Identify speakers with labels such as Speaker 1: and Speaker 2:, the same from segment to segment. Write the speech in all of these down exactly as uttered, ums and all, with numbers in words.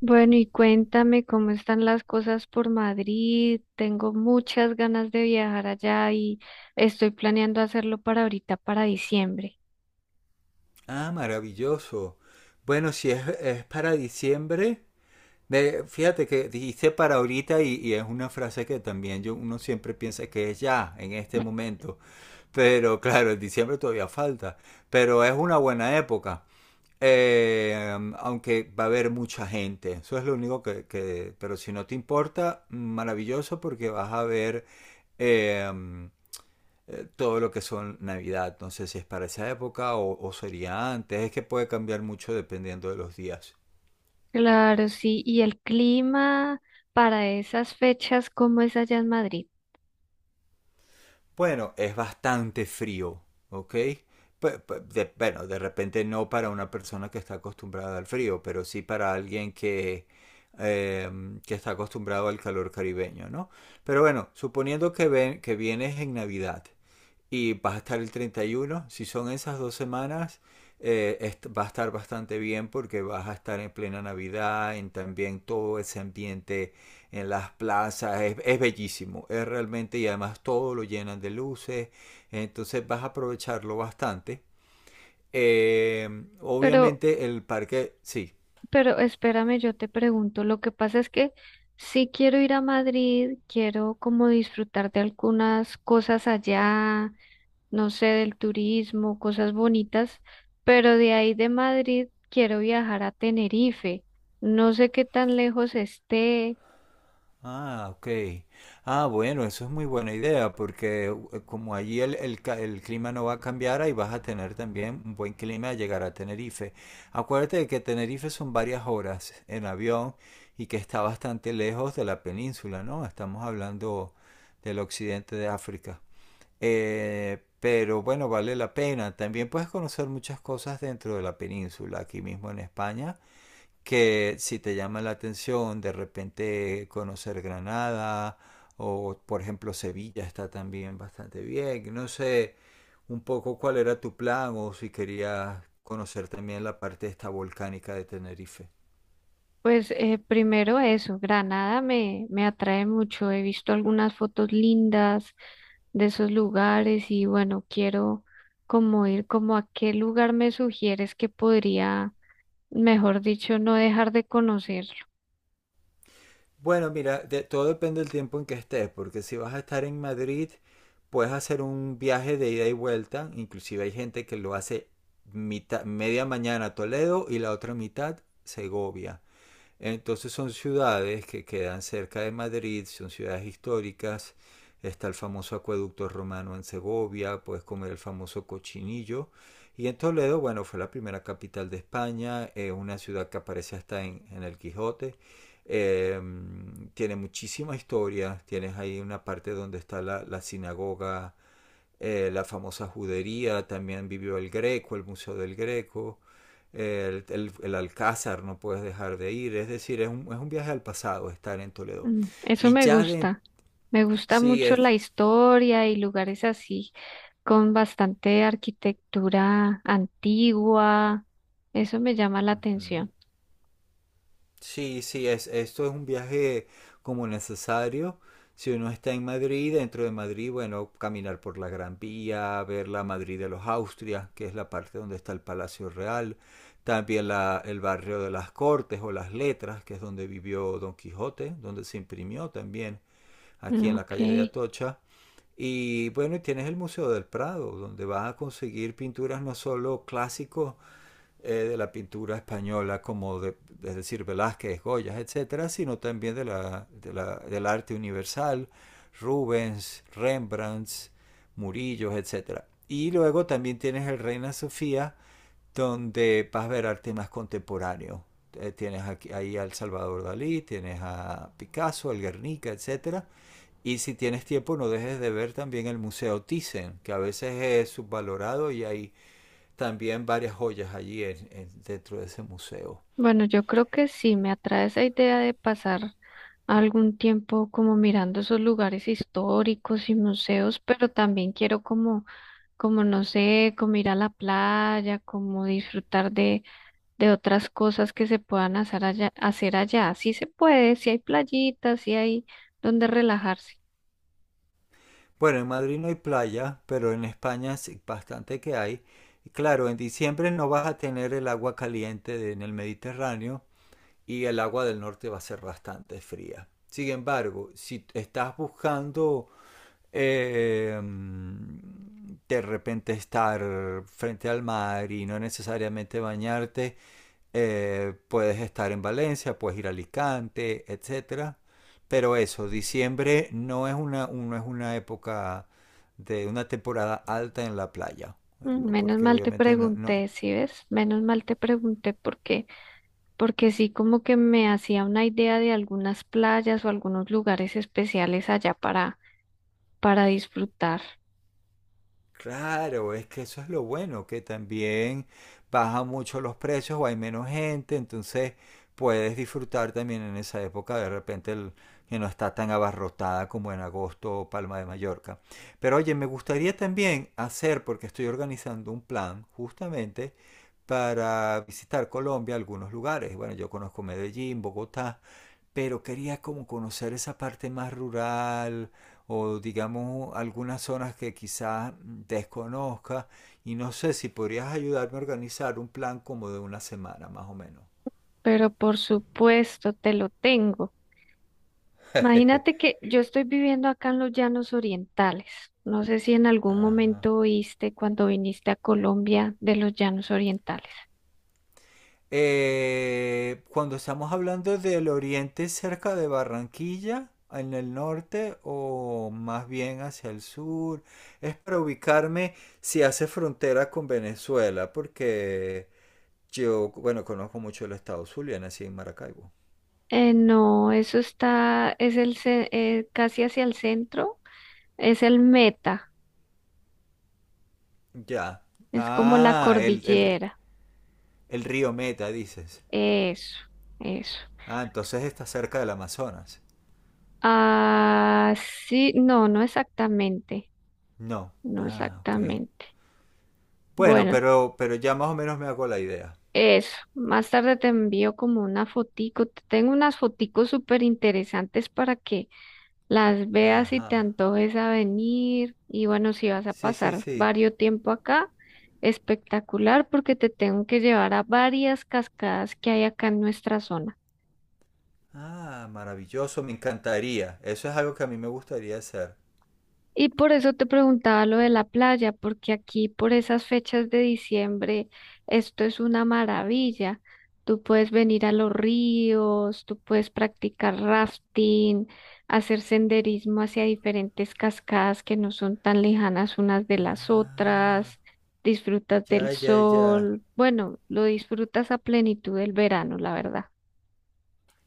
Speaker 1: Bueno, y cuéntame cómo están las cosas por Madrid. Tengo muchas ganas de viajar allá y estoy planeando hacerlo para ahorita, para diciembre.
Speaker 2: Ah, maravilloso. Bueno, si es, es para diciembre, de- fíjate que dijiste para ahorita y, y es una frase que también yo, uno siempre piensa que es ya, en este momento. Pero claro, en diciembre todavía falta. Pero es una buena época. Eh, Aunque va a haber mucha gente. Eso es lo único que, que- pero si no te importa, maravilloso porque vas a ver eh, eh, todo lo que son Navidad. No sé si es para esa época o, o sería antes. Es que puede cambiar mucho dependiendo de los días.
Speaker 1: Claro, sí. Y el clima para esas fechas, ¿cómo es allá en Madrid?
Speaker 2: Bueno, es bastante frío, ¿ok? Pe- pe- de- bueno, de repente no para una persona que está acostumbrada al frío, pero sí para alguien que, em, que está acostumbrado al calor caribeño, ¿no? Pero bueno, suponiendo que, ven, que vienes en Navidad, y vas a estar el treinta y uno. Si son esas dos semanas, eh, va a estar bastante bien porque vas a estar en plena Navidad, en también todo ese ambiente en las plazas. Es, es bellísimo, es realmente, y además todo lo llenan de luces. Entonces vas a aprovecharlo bastante. Eh,
Speaker 1: Pero,
Speaker 2: Obviamente el parque, sí.
Speaker 1: pero espérame, yo te pregunto. Lo que pasa es que si quiero ir a Madrid, quiero como disfrutar de algunas cosas allá, no sé, del turismo, cosas bonitas, pero de ahí de Madrid quiero viajar a Tenerife. No sé qué tan lejos esté.
Speaker 2: Ah, ok. Ah, bueno, eso es muy buena idea porque eh, como allí el, el ca- el clima no va a cambiar, ahí vas a tener también un buen clima al llegar a Tenerife. Acuérdate de que Tenerife son varias horas en avión y que está bastante lejos de la península, ¿no? Estamos hablando del occidente de África. Eh, pero bueno, vale la pena. También puedes conocer muchas cosas dentro de la península, aquí mismo en España, que si te llama la atención de repente conocer Granada o por ejemplo Sevilla está también bastante bien. No sé un poco cuál era tu plan o si querías conocer también la parte esta volcánica de Tenerife.
Speaker 1: Pues eh, primero eso, Granada me, me atrae mucho. He visto algunas fotos lindas de esos lugares y bueno, quiero como ir como a qué lugar me sugieres que podría, mejor dicho, no dejar de conocerlo.
Speaker 2: Bueno, mira, de- todo depende del tiempo en que estés, porque si vas a estar en Madrid, puedes hacer un viaje de ida y vuelta. Inclusive hay gente que lo hace mitad, media mañana a Toledo y la otra mitad Segovia. Entonces son ciudades que quedan cerca de Madrid, son ciudades históricas. Está el famoso acueducto romano en Segovia, puedes comer el famoso cochinillo. Y en Toledo, bueno, fue la primera capital de España, es una ciudad que aparece hasta en, en el Quijote. Eh, Tiene muchísima historia, tienes ahí una parte donde está la, la sinagoga, eh, la famosa judería, también vivió el Greco, el Museo del Greco, el, el, el Alcázar, no puedes dejar de ir, es decir, es un, es un viaje al pasado estar en Toledo.
Speaker 1: Mm, Eso
Speaker 2: Y
Speaker 1: me
Speaker 2: ya de,
Speaker 1: gusta. Me gusta
Speaker 2: sí,
Speaker 1: mucho la
Speaker 2: es...
Speaker 1: historia y lugares así, con bastante arquitectura antigua. Eso me llama la
Speaker 2: Mm.
Speaker 1: atención.
Speaker 2: Sí, sí, es, esto es un viaje como necesario. Si uno está en Madrid, dentro de Madrid, bueno, caminar por la Gran Vía, ver la Madrid de los Austrias, que es la parte donde está el Palacio Real, también la- el barrio de las Cortes o las Letras, que es donde vivió Don Quijote, donde se imprimió también aquí en la
Speaker 1: Ok.
Speaker 2: calle de Atocha. Y bueno, y tienes el Museo del Prado, donde vas a conseguir pinturas no solo clásicos, eh, de la pintura española, como de, es decir, Velázquez, Goya, etcétera, sino también de la, de la, del arte universal, Rubens, Rembrandt, Murillo, etcétera. Y luego también tienes el Reina Sofía, donde vas a ver arte más contemporáneo. Eh, tienes aquí, ahí al Salvador Dalí, tienes a Picasso, al Guernica, etcétera. Y si tienes tiempo, no dejes de ver también el Museo Thyssen, que a veces es subvalorado y hay también varias joyas allí en, en- dentro de ese museo.
Speaker 1: Bueno, yo creo que sí, me atrae esa idea de pasar algún tiempo como mirando esos lugares históricos y museos, pero también quiero como, como no sé, como ir a la playa, como disfrutar de de otras cosas que se puedan hacer allá, hacer allá. Sí se puede, si hay playitas, si hay donde relajarse.
Speaker 2: Bueno, en Madrid no hay playa, pero en España sí bastante que hay. Y claro, en diciembre no vas a tener el agua caliente de- en el Mediterráneo y el agua del norte va a ser bastante fría. Sin embargo, si estás buscando eh, mm, de repente estar frente al mar y no necesariamente bañarte, Eh, puedes estar en Valencia, puedes ir a Alicante, etcétera. Pero eso, diciembre no es una, no es una época de una temporada alta en la playa, eh,
Speaker 1: Mm, Menos
Speaker 2: porque
Speaker 1: mal te
Speaker 2: obviamente no, no.
Speaker 1: pregunté, ¿sí ves? Menos mal te pregunté por qué, porque sí como que me hacía una idea de algunas playas o algunos lugares especiales allá para, para disfrutar,
Speaker 2: Claro, es que eso es lo bueno, que también bajan mucho los precios o hay menos gente, entonces puedes disfrutar también en esa época de repente el, que no está tan abarrotada como en agosto o Palma de Mallorca. Pero oye, me gustaría también hacer, porque estoy organizando un plan justamente para visitar Colombia, algunos lugares. Bueno, yo conozco Medellín, Bogotá, pero quería como conocer esa parte más rural o digamos algunas zonas que quizás desconozca y no sé si podrías ayudarme a organizar un plan como de una semana más o menos.
Speaker 1: pero por supuesto te lo tengo. Imagínate que yo estoy viviendo acá en los Llanos Orientales. No sé si en algún
Speaker 2: Ajá.
Speaker 1: momento oíste cuando viniste a Colombia de los Llanos Orientales.
Speaker 2: Eh, cuando estamos hablando del oriente cerca de Barranquilla, en el norte o más bien hacia el sur, es para ubicarme si hace frontera con Venezuela, porque yo, bueno, conozco mucho el estado Zulia, nací en Maracaibo.
Speaker 1: Eh, no, eso está, es el, ce- eh, casi hacia el centro, es el Meta,
Speaker 2: Ya.
Speaker 1: es como la
Speaker 2: Ah, el, el-
Speaker 1: cordillera.
Speaker 2: el río Meta, dices.
Speaker 1: Eso, eso.
Speaker 2: Ah, entonces está cerca del Amazonas.
Speaker 1: Ah, sí, no, no exactamente,
Speaker 2: No.
Speaker 1: no
Speaker 2: Ah, ok.
Speaker 1: exactamente.
Speaker 2: Bueno,
Speaker 1: Bueno,
Speaker 2: pero, pero ya más o menos me hago la idea.
Speaker 1: eso, más tarde te envío como una fotico. Te tengo unas foticos súper interesantes para que las veas y te
Speaker 2: Ajá.
Speaker 1: antojes a venir. Y bueno, si vas a
Speaker 2: Sí, sí,
Speaker 1: pasar
Speaker 2: sí.
Speaker 1: varios tiempo acá, espectacular porque te tengo que llevar a varias cascadas que hay acá en nuestra zona.
Speaker 2: Ah, maravilloso, me encantaría. Eso es algo que a mí me gustaría hacer.
Speaker 1: Y por eso te preguntaba lo de la playa, porque aquí por esas fechas de diciembre esto es una maravilla. Tú puedes venir a los ríos, tú puedes practicar rafting, hacer senderismo hacia diferentes cascadas que no son tan lejanas unas de las
Speaker 2: Ah,
Speaker 1: otras, disfrutas del
Speaker 2: ya, ya, ya.
Speaker 1: sol, bueno, lo disfrutas a plenitud del verano, la verdad.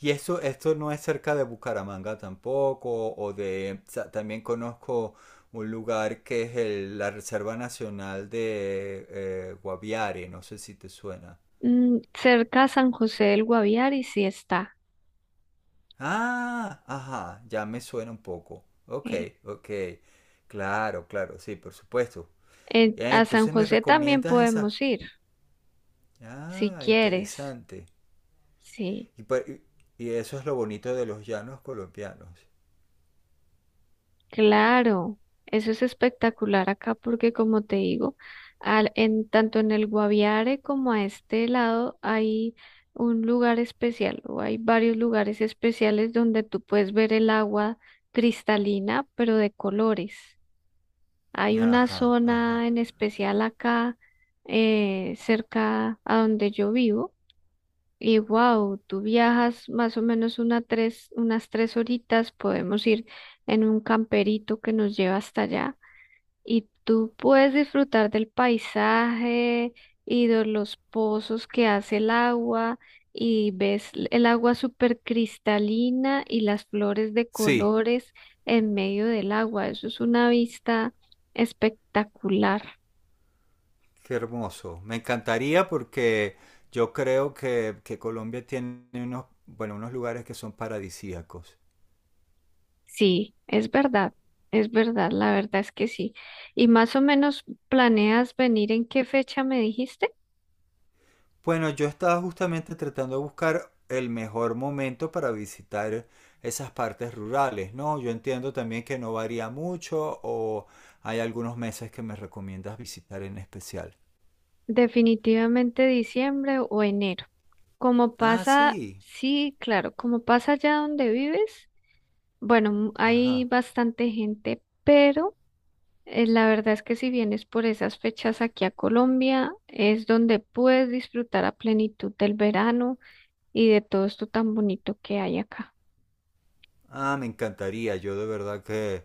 Speaker 2: Y eso, esto no es cerca de Bucaramanga tampoco, o de, o sea, también conozco un lugar que es el- la Reserva Nacional de eh, Guaviare, no sé si te suena.
Speaker 1: Mm, cerca a San José del Guaviare sí está.
Speaker 2: Ah, ajá, ya me suena un poco. Ok,
Speaker 1: eh,
Speaker 2: ok, claro, claro, sí, por supuesto.
Speaker 1: Eh,
Speaker 2: Ya,
Speaker 1: a San
Speaker 2: entonces me
Speaker 1: José también
Speaker 2: recomiendas esa.
Speaker 1: podemos ir, si
Speaker 2: Ah,
Speaker 1: quieres.
Speaker 2: interesante.
Speaker 1: Sí,
Speaker 2: Y, pa- y y eso es lo bonito de los llanos colombianos.
Speaker 1: claro. Eso es espectacular acá porque como te digo, al, en, tanto en el Guaviare como a este lado hay un lugar especial o hay varios lugares especiales donde tú puedes ver el agua cristalina, pero de colores. Hay una
Speaker 2: Ajá, ajá.
Speaker 1: zona en especial acá eh, cerca a donde yo vivo. Y wow, tú viajas más o menos una tres, unas tres horitas, podemos ir en un camperito que nos lleva hasta allá y tú puedes disfrutar del paisaje y de los pozos que hace el agua y ves l- el agua súper cristalina y las flores de
Speaker 2: Sí.
Speaker 1: colores en medio del agua. Eso es una vista espectacular.
Speaker 2: Qué hermoso. Me encantaría porque yo creo que, que Colombia tiene unos, bueno, unos lugares que son paradisíacos.
Speaker 1: Sí, es verdad, es verdad, la verdad es que sí. ¿Y más o menos planeas venir en qué fecha me dijiste?
Speaker 2: Bueno, yo estaba justamente tratando de buscar el mejor momento para visitar esas partes rurales, ¿no? Yo entiendo también que no varía mucho o hay algunos meses que me recomiendas visitar en especial.
Speaker 1: Definitivamente diciembre o enero. Como
Speaker 2: Ah,
Speaker 1: pasa,
Speaker 2: sí.
Speaker 1: sí, claro, como pasa allá donde vives, bueno, m- hay
Speaker 2: Ajá.
Speaker 1: bastante gente, pero eh, la verdad es que si vienes por esas fechas aquí a Colombia, es donde puedes disfrutar a plenitud del verano y de todo esto tan bonito que hay acá.
Speaker 2: Ah, me encantaría. Yo de verdad que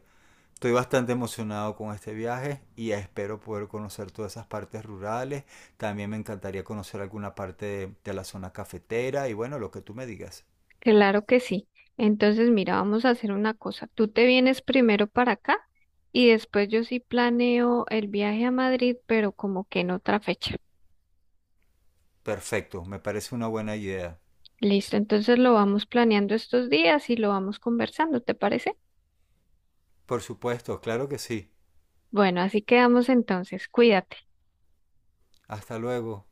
Speaker 2: estoy bastante emocionado con este viaje y espero poder conocer todas esas partes rurales. También me encantaría conocer alguna parte de, de la zona cafetera y bueno, lo que tú me digas.
Speaker 1: Claro que sí. Entonces, mira, vamos a hacer una cosa. Tú te vienes primero para acá y después yo sí planeo el viaje a Madrid, pero como que en otra fecha.
Speaker 2: Perfecto, me parece una buena idea.
Speaker 1: Listo, entonces lo vamos planeando estos días y lo vamos conversando, ¿te parece?
Speaker 2: Por supuesto, claro que sí.
Speaker 1: Bueno, así quedamos entonces. Cuídate.
Speaker 2: Hasta luego.